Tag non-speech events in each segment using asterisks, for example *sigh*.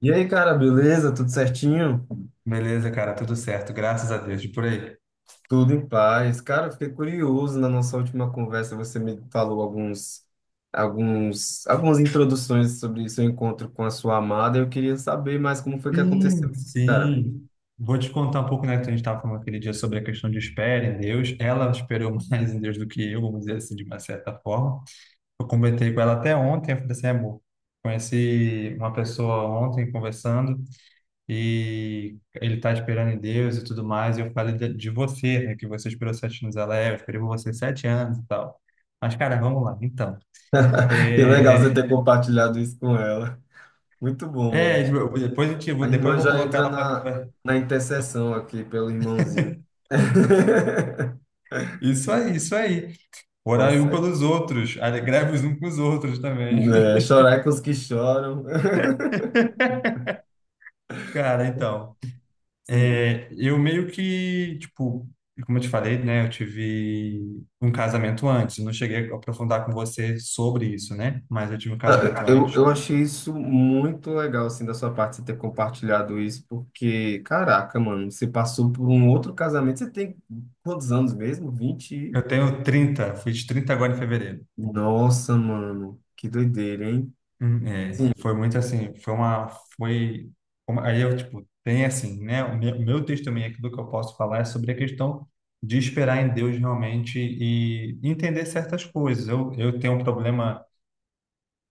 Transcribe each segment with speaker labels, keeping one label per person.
Speaker 1: E aí, cara, beleza? Tudo certinho?
Speaker 2: Beleza, cara, tudo certo, graças a Deus. E por aí?
Speaker 1: Tudo em paz. Cara, eu fiquei curioso na nossa última conversa, você me falou algumas introduções sobre seu encontro com a sua amada. Eu queria saber mais como foi que aconteceu,
Speaker 2: Sim,
Speaker 1: cara.
Speaker 2: sim. Vou te contar um pouco, né, que a gente estava falando aquele dia sobre a questão de espera em Deus. Ela esperou *laughs* mais em Deus do que eu, vamos dizer assim, de uma certa forma. Eu comentei com ela até ontem, eu falei assim, amor, conheci uma pessoa ontem conversando e ele está esperando em Deus e tudo mais. E eu falei de você, né, que você esperou 7 anos, ela é, eu esperei por você 7 anos e tal. Mas, cara, vamos lá, então.
Speaker 1: *laughs* Que legal você
Speaker 2: É,
Speaker 1: ter compartilhado isso com ela. Muito bom, mano.
Speaker 2: Tipo,
Speaker 1: A
Speaker 2: depois
Speaker 1: irmã
Speaker 2: eu vou
Speaker 1: já
Speaker 2: colocar
Speaker 1: entra
Speaker 2: ela para
Speaker 1: na,
Speaker 2: conversar.
Speaker 1: na intercessão aqui pelo irmãozinho. *laughs*
Speaker 2: Isso aí, isso aí.
Speaker 1: Tá
Speaker 2: Orar um
Speaker 1: certo.
Speaker 2: pelos outros, greve os uns com os outros
Speaker 1: É,
Speaker 2: também.
Speaker 1: chorar é com os que choram.
Speaker 2: *laughs* Cara, então,
Speaker 1: *laughs* Sim.
Speaker 2: eu meio que, tipo, como eu te falei, né, eu tive um casamento antes, eu não cheguei a aprofundar com você sobre isso, né, mas eu tive um
Speaker 1: Ah,
Speaker 2: casamento
Speaker 1: Eu,
Speaker 2: antes.
Speaker 1: eu achei isso muito legal, assim, da sua parte, você ter compartilhado isso, porque, caraca, mano, você passou por um outro casamento, você tem quantos anos mesmo? Vinte e-
Speaker 2: Eu tenho 30, fiz 30 agora em fevereiro.
Speaker 1: Nossa, mano, que doideira, hein? Sim,
Speaker 2: Foi muito assim, foi, aí eu, tipo, tem assim, né, o meu testemunho aqui do que eu posso falar é sobre a questão de esperar em Deus realmente e entender certas coisas. Eu tenho um problema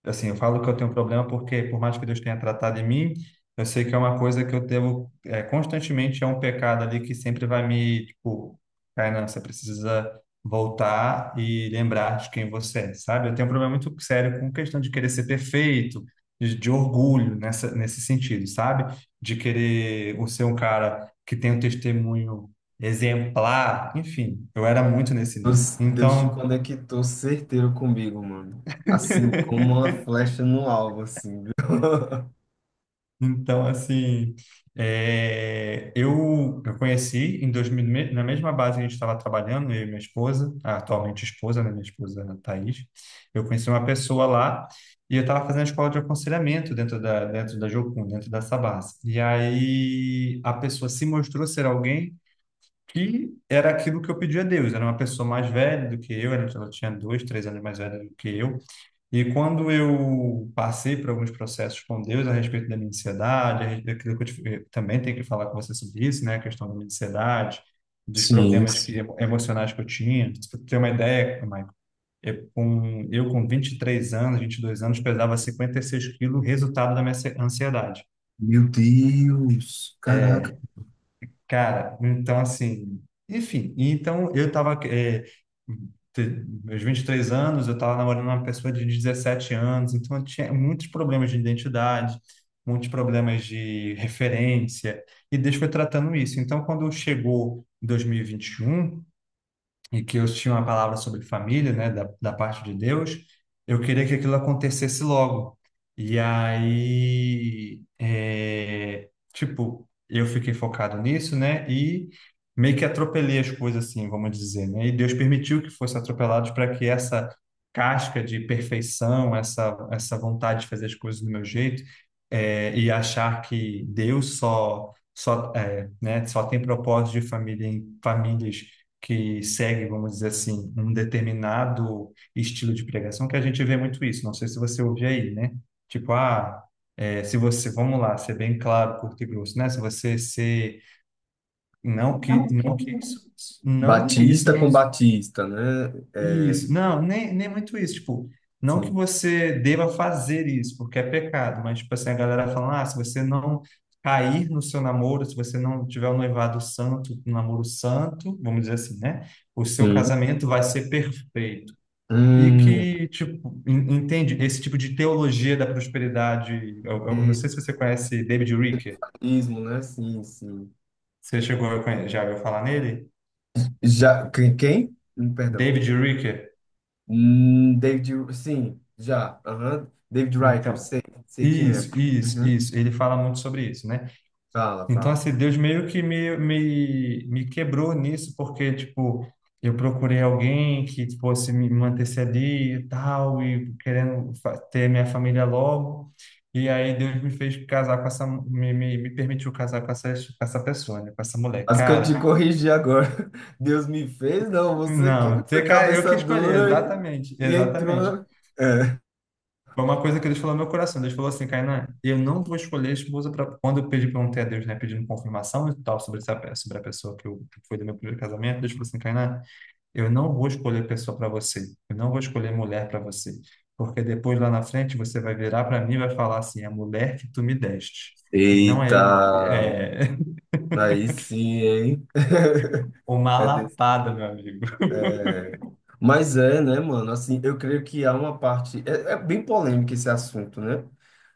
Speaker 2: assim, eu falo que eu tenho um problema porque, por mais que Deus tenha tratado em mim, eu sei que é uma coisa que eu devo, constantemente é um pecado ali que sempre vai me, tipo, Kainan, você precisa voltar e lembrar de quem você é, sabe? Eu tenho um problema muito sério com questão de querer ser perfeito, de, orgulho nessa, nesse sentido, sabe? De querer o ser um cara que tem um testemunho exemplar, enfim, eu era muito nesse nível.
Speaker 1: Deus te
Speaker 2: Então,
Speaker 1: conectou certeiro comigo, mano. Assim,
Speaker 2: *laughs*
Speaker 1: como uma flecha no alvo, assim, viu? *laughs*
Speaker 2: Então, assim, eu conheci em 2000, na mesma base que a gente estava trabalhando, eu e minha esposa, a atualmente esposa, né, minha esposa Thaís, eu conheci uma pessoa lá e eu estava fazendo a escola de aconselhamento dentro da Jocum, dentro da Sabas. E aí a pessoa se mostrou ser alguém que era aquilo que eu pedi a Deus, era uma pessoa mais velha do que eu, ela tinha 2, 3 anos mais velha do que eu, e quando eu passei por alguns processos com Deus a respeito da minha ansiedade, a respeito daquilo que eu também tenho que falar com você sobre isso, né? A questão da minha ansiedade, dos
Speaker 1: Sim,
Speaker 2: problemas
Speaker 1: isso.
Speaker 2: que, emocionais que eu tinha. Para ter uma ideia, Michael, eu com 23 anos, 22 anos, pesava 56 quilos, resultado da minha ansiedade.
Speaker 1: Meu Deus, caraca.
Speaker 2: É, Cara, então assim, enfim, então eu tava, meus 23 anos, eu tava namorando uma pessoa de 17 anos, então eu tinha muitos problemas de identidade, muitos problemas de referência, e Deus foi tratando isso. Então, quando chegou dois mil e vinte e um e que eu tinha uma palavra sobre família, né, da parte de Deus, eu queria que aquilo acontecesse logo. E aí, tipo, eu fiquei focado nisso, né, e meio que atropelei as coisas assim, vamos dizer, né, e Deus permitiu que fosse atropelado para que essa casca de perfeição, essa vontade de fazer as coisas do meu jeito, e achar que Deus né, só tem propósito de família em famílias que segue, vamos dizer assim, um determinado estilo de pregação, que a gente vê muito isso. Não sei se você ouve aí, né? Tipo, ah, se você, vamos lá, ser bem claro, curto e grosso, né? Se você ser, não que isso, não que isso
Speaker 1: Batista com
Speaker 2: não
Speaker 1: Batista, né?
Speaker 2: isso, não, nem muito isso, tipo, não que
Speaker 1: Sim,
Speaker 2: você deva fazer isso, porque é pecado, mas, tipo assim, a galera fala, ah, se você não cair no seu namoro, se você não tiver um noivado santo, um namoro santo, vamos dizer assim, né, o seu
Speaker 1: sim.
Speaker 2: casamento vai ser perfeito. E
Speaker 1: Hum,
Speaker 2: que, tipo, entende, esse tipo de teologia da prosperidade, eu não
Speaker 1: e-
Speaker 2: sei se você conhece David Ricker,
Speaker 1: ismo, né? Sim, sim.
Speaker 2: você chegou a já ouviu falar nele?
Speaker 1: Já, quem? Quem? Perdão.
Speaker 2: David Ricker,
Speaker 1: David, sim, já. Aham. David Riker,
Speaker 2: então,
Speaker 1: sei, sei quem é.
Speaker 2: isso, isso,
Speaker 1: Uhum.
Speaker 2: isso, ele fala muito sobre isso, né?
Speaker 1: Fala,
Speaker 2: Então,
Speaker 1: fala.
Speaker 2: assim, Deus meio que me, me quebrou nisso, porque, tipo, eu procurei alguém que fosse me manter ali e tal, e querendo ter minha família logo. E aí Deus me fez casar com essa, me permitiu casar com essa pessoa, né? Com essa mulher.
Speaker 1: As que eu
Speaker 2: Cara,
Speaker 1: te corrigi agora. *laughs* Deus me fez, não, você que
Speaker 2: não,
Speaker 1: foi
Speaker 2: você, cara, eu
Speaker 1: cabeça
Speaker 2: que escolhi,
Speaker 1: dura
Speaker 2: exatamente,
Speaker 1: e
Speaker 2: exatamente.
Speaker 1: entrou.
Speaker 2: Foi uma coisa que Deus falou no meu coração. Deus falou assim, Kainan, eu não vou escolher a esposa para... Quando eu pedi, perguntei a Deus, né? Pedindo confirmação e tal sobre essa, sobre a pessoa que, eu, que foi do meu primeiro casamento. Deus falou assim, Kainan, eu não vou escolher pessoa para você. Eu não vou escolher mulher para você. Porque depois, lá na frente, você vai virar para mim e vai falar assim, a mulher que tu me deste. E não
Speaker 1: Eita,
Speaker 2: é... eu É... *laughs*
Speaker 1: aí sim, hein? *laughs*
Speaker 2: Uma
Speaker 1: É desse.
Speaker 2: lapada, meu amigo.
Speaker 1: Mas é, né, mano? Assim, eu creio que há uma parte. É, é bem polêmico esse assunto, né?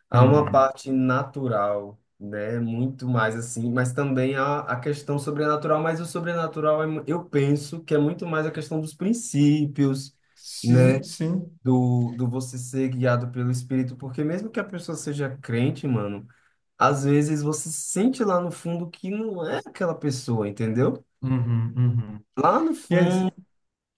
Speaker 1: Há uma
Speaker 2: Uhum.
Speaker 1: parte natural, né? Muito mais assim, mas também há a questão sobrenatural, mas o sobrenatural é mu- eu penso que é muito mais a questão dos princípios, né?
Speaker 2: Sim, sim.
Speaker 1: Do você ser guiado pelo Espírito, porque mesmo que a pessoa seja crente, mano, às vezes você sente lá no fundo que não é aquela pessoa, entendeu?
Speaker 2: Uhum, uhum.
Speaker 1: Lá no fundo,
Speaker 2: Yes.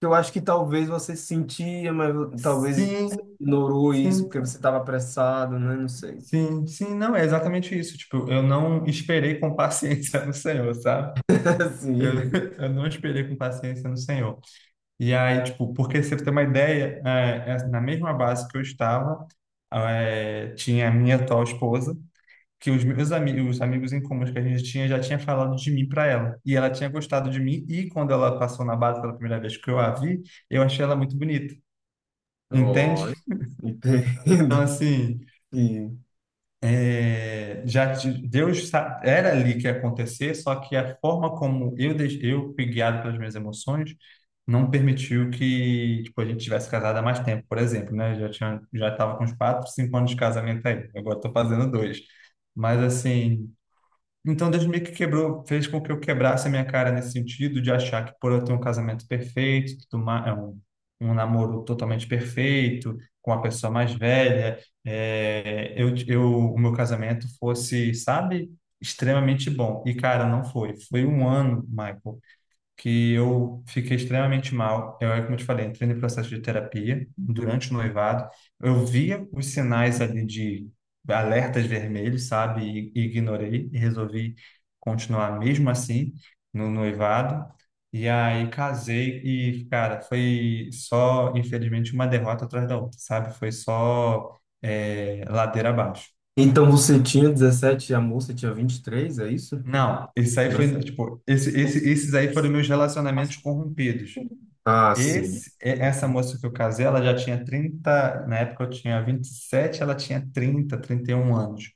Speaker 1: eu acho que talvez você sentia, mas talvez você
Speaker 2: Sim,
Speaker 1: ignorou isso porque
Speaker 2: sim.
Speaker 1: você estava apressado, né? Não sei.
Speaker 2: Sim, sim, não, é exatamente isso. Tipo, eu não esperei com paciência no Senhor, sabe?
Speaker 1: *laughs*
Speaker 2: Eu,
Speaker 1: Assim.
Speaker 2: *laughs* eu não esperei com paciência no Senhor. E aí, tipo, porque você tem uma ideia, na mesma base que eu estava, tinha a minha atual esposa, que os meus amigos, os amigos em comuns que a gente tinha já tinha falado de mim para ela. E ela tinha gostado de mim, e quando ela passou na base pela primeira vez que eu a vi, eu achei ela muito bonita.
Speaker 1: Ó,
Speaker 2: Entende? Então,
Speaker 1: entendo.
Speaker 2: assim,
Speaker 1: *laughs* E...
Speaker 2: Deus era ali que ia acontecer, só que a forma como eu eu fui guiado pelas minhas emoções não permitiu que tipo a gente tivesse casado há mais tempo, por exemplo, né? Eu Já tinha já estava com uns 4, 5 anos de casamento aí. Agora estou fazendo dois, mas assim então, Deus meio que quebrou, fez com que eu quebrasse a minha cara nesse sentido de achar que por eu ter um casamento perfeito, tudo ma- é um, um namoro totalmente perfeito, com a pessoa mais velha, é, eu, eu, o meu casamento fosse, sabe, extremamente bom. E, cara, não foi. Foi um ano, Michael, que eu fiquei extremamente mal. Eu, é como eu te falei, entrei no processo de terapia durante o noivado. Eu via os sinais ali de alertas vermelhos, sabe? E ignorei e resolvi continuar mesmo assim no noivado. E aí casei e, cara, foi só, infelizmente, uma derrota atrás da outra, sabe? Foi só ladeira abaixo.
Speaker 1: Então você tinha 17 e a moça tinha 23, é isso?
Speaker 2: Não, isso aí
Speaker 1: Não?
Speaker 2: foi, tipo, esses aí foram meus relacionamentos corrompidos.
Speaker 1: Ah, sim.
Speaker 2: Essa moça que eu casei, ela já tinha 30 na época, eu tinha 27, ela tinha 30, 31 anos.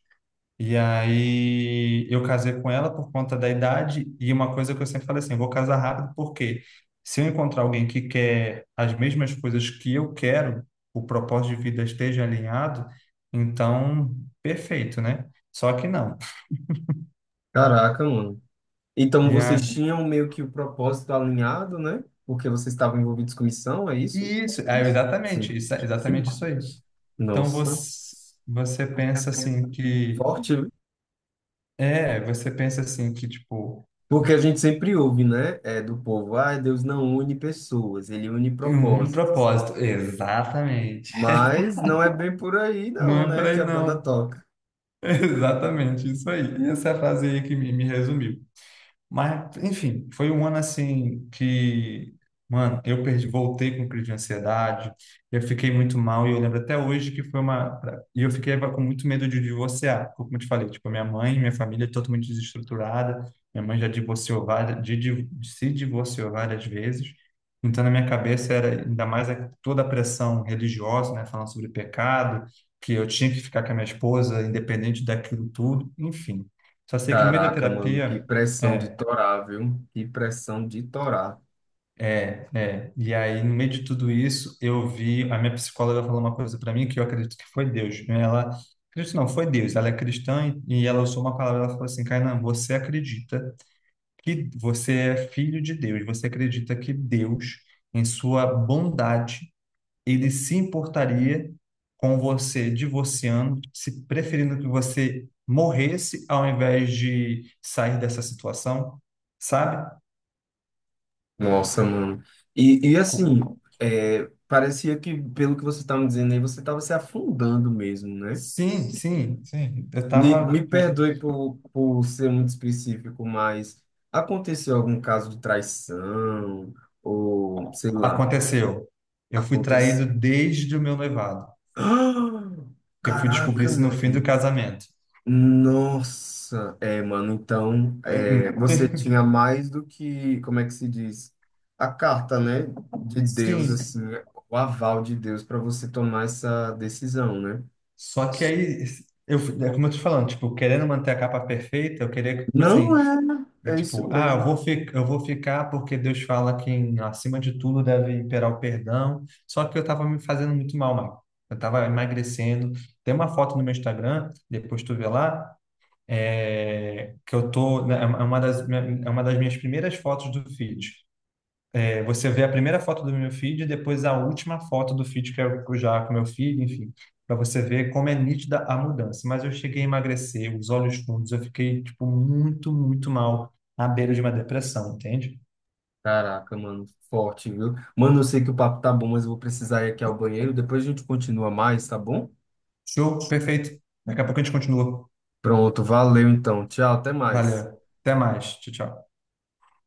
Speaker 2: E aí eu casei com ela por conta da idade e uma coisa que eu sempre falei assim, vou casar rápido porque se eu encontrar alguém que quer as mesmas coisas que eu quero, o propósito de vida esteja alinhado, então perfeito, né? Só que não.
Speaker 1: Caraca, mano. Então
Speaker 2: E
Speaker 1: vocês
Speaker 2: a
Speaker 1: tinham meio que o propósito alinhado, né? Porque vocês estavam envolvidos com missão, é isso?
Speaker 2: e isso, é
Speaker 1: Sim.
Speaker 2: exatamente, isso, é
Speaker 1: Sim.
Speaker 2: exatamente isso aí. Então
Speaker 1: Nossa.
Speaker 2: você pensa assim que
Speaker 1: Forte.
Speaker 2: Você pensa assim que, tipo,
Speaker 1: Porque a gente sempre ouve, né? É, do povo, ah, Deus não une pessoas, ele une
Speaker 2: em um
Speaker 1: propósitos.
Speaker 2: propósito. Exatamente.
Speaker 1: Mas não é bem por aí,
Speaker 2: Não
Speaker 1: não,
Speaker 2: é por
Speaker 1: né? Que
Speaker 2: aí,
Speaker 1: a banda.
Speaker 2: não. *laughs* Exatamente, isso aí. Essa frase aí que me resumiu. Mas, enfim, foi um ano assim que, mano, eu perdi, voltei com crise de ansiedade, eu fiquei muito mal e eu lembro até hoje que foi uma. E eu fiquei com muito medo de divorciar, porque, como eu te falei, tipo, minha mãe, minha família é totalmente desestruturada, minha mãe já divorciou várias, se divorciou várias vezes. Então, na minha cabeça era ainda mais toda a pressão religiosa, né, falando sobre pecado, que eu tinha que ficar com a minha esposa, independente daquilo tudo, enfim. Só sei que no meio da
Speaker 1: Caraca, mano, que
Speaker 2: terapia.
Speaker 1: pressão de
Speaker 2: é,
Speaker 1: torar, viu? Que pressão de torar.
Speaker 2: E aí, no meio de tudo isso, eu vi. A minha psicóloga falou uma coisa para mim que eu acredito que foi Deus, né? Ela. Acredito não, foi Deus. Ela é cristã e ela usou uma palavra. Ela falou assim: Kainan, você acredita que você é filho de Deus. Você acredita que Deus, em sua bondade, ele se importaria com você divorciando, se preferindo que você morresse ao invés de sair dessa situação, sabe?
Speaker 1: Nossa, mano. E assim, é, parecia que, pelo que você tá me dizendo aí, você tava se afundando mesmo, né?
Speaker 2: Sim, sim, sim. Eu
Speaker 1: Me,
Speaker 2: tava,
Speaker 1: me
Speaker 2: tipo,
Speaker 1: perdoe por ser muito específico, mas aconteceu algum caso de traição? Ou, sei lá,
Speaker 2: aconteceu. Eu fui traído
Speaker 1: aconteceu.
Speaker 2: desde o meu noivado.
Speaker 1: *gasps*
Speaker 2: Eu fui descobrir
Speaker 1: Caraca,
Speaker 2: isso no fim do
Speaker 1: mano.
Speaker 2: casamento.
Speaker 1: Nossa, é, mano, então,
Speaker 2: Eh,
Speaker 1: é, você
Speaker 2: eh,
Speaker 1: tinha mais do que, como é que se diz? A carta, né, de
Speaker 2: *laughs*
Speaker 1: Deus,
Speaker 2: Sim.
Speaker 1: assim, o aval de Deus para você tomar essa decisão, né?
Speaker 2: Só que aí, é como eu tô te falando, tipo, querendo manter a capa perfeita, eu queria, que, tipo assim,
Speaker 1: Não é,
Speaker 2: e,
Speaker 1: é isso
Speaker 2: tipo, ah,
Speaker 1: mesmo.
Speaker 2: eu vou ficar porque Deus fala que acima de tudo deve imperar o perdão. Só que eu tava me fazendo muito mal, Marco. Eu tava emagrecendo. Tem uma foto no meu Instagram, depois tu vê lá, que eu tô, né, é uma das minhas primeiras fotos do feed. Você vê a primeira foto do meu feed e depois a última foto do feed que eu já com meu filho, enfim, para você ver como é nítida a mudança. Mas eu cheguei a emagrecer, os olhos fundos, eu fiquei tipo muito, muito mal, à beira de uma depressão, entende?
Speaker 1: Caraca, mano, forte, viu? Mano, eu sei que o papo tá bom, mas eu vou precisar ir aqui ao banheiro, depois a gente continua mais, tá bom?
Speaker 2: Show, perfeito. Daqui a pouco a gente continua.
Speaker 1: Pronto, valeu então. Tchau, até mais.
Speaker 2: Valeu. Até mais. Tchau, tchau.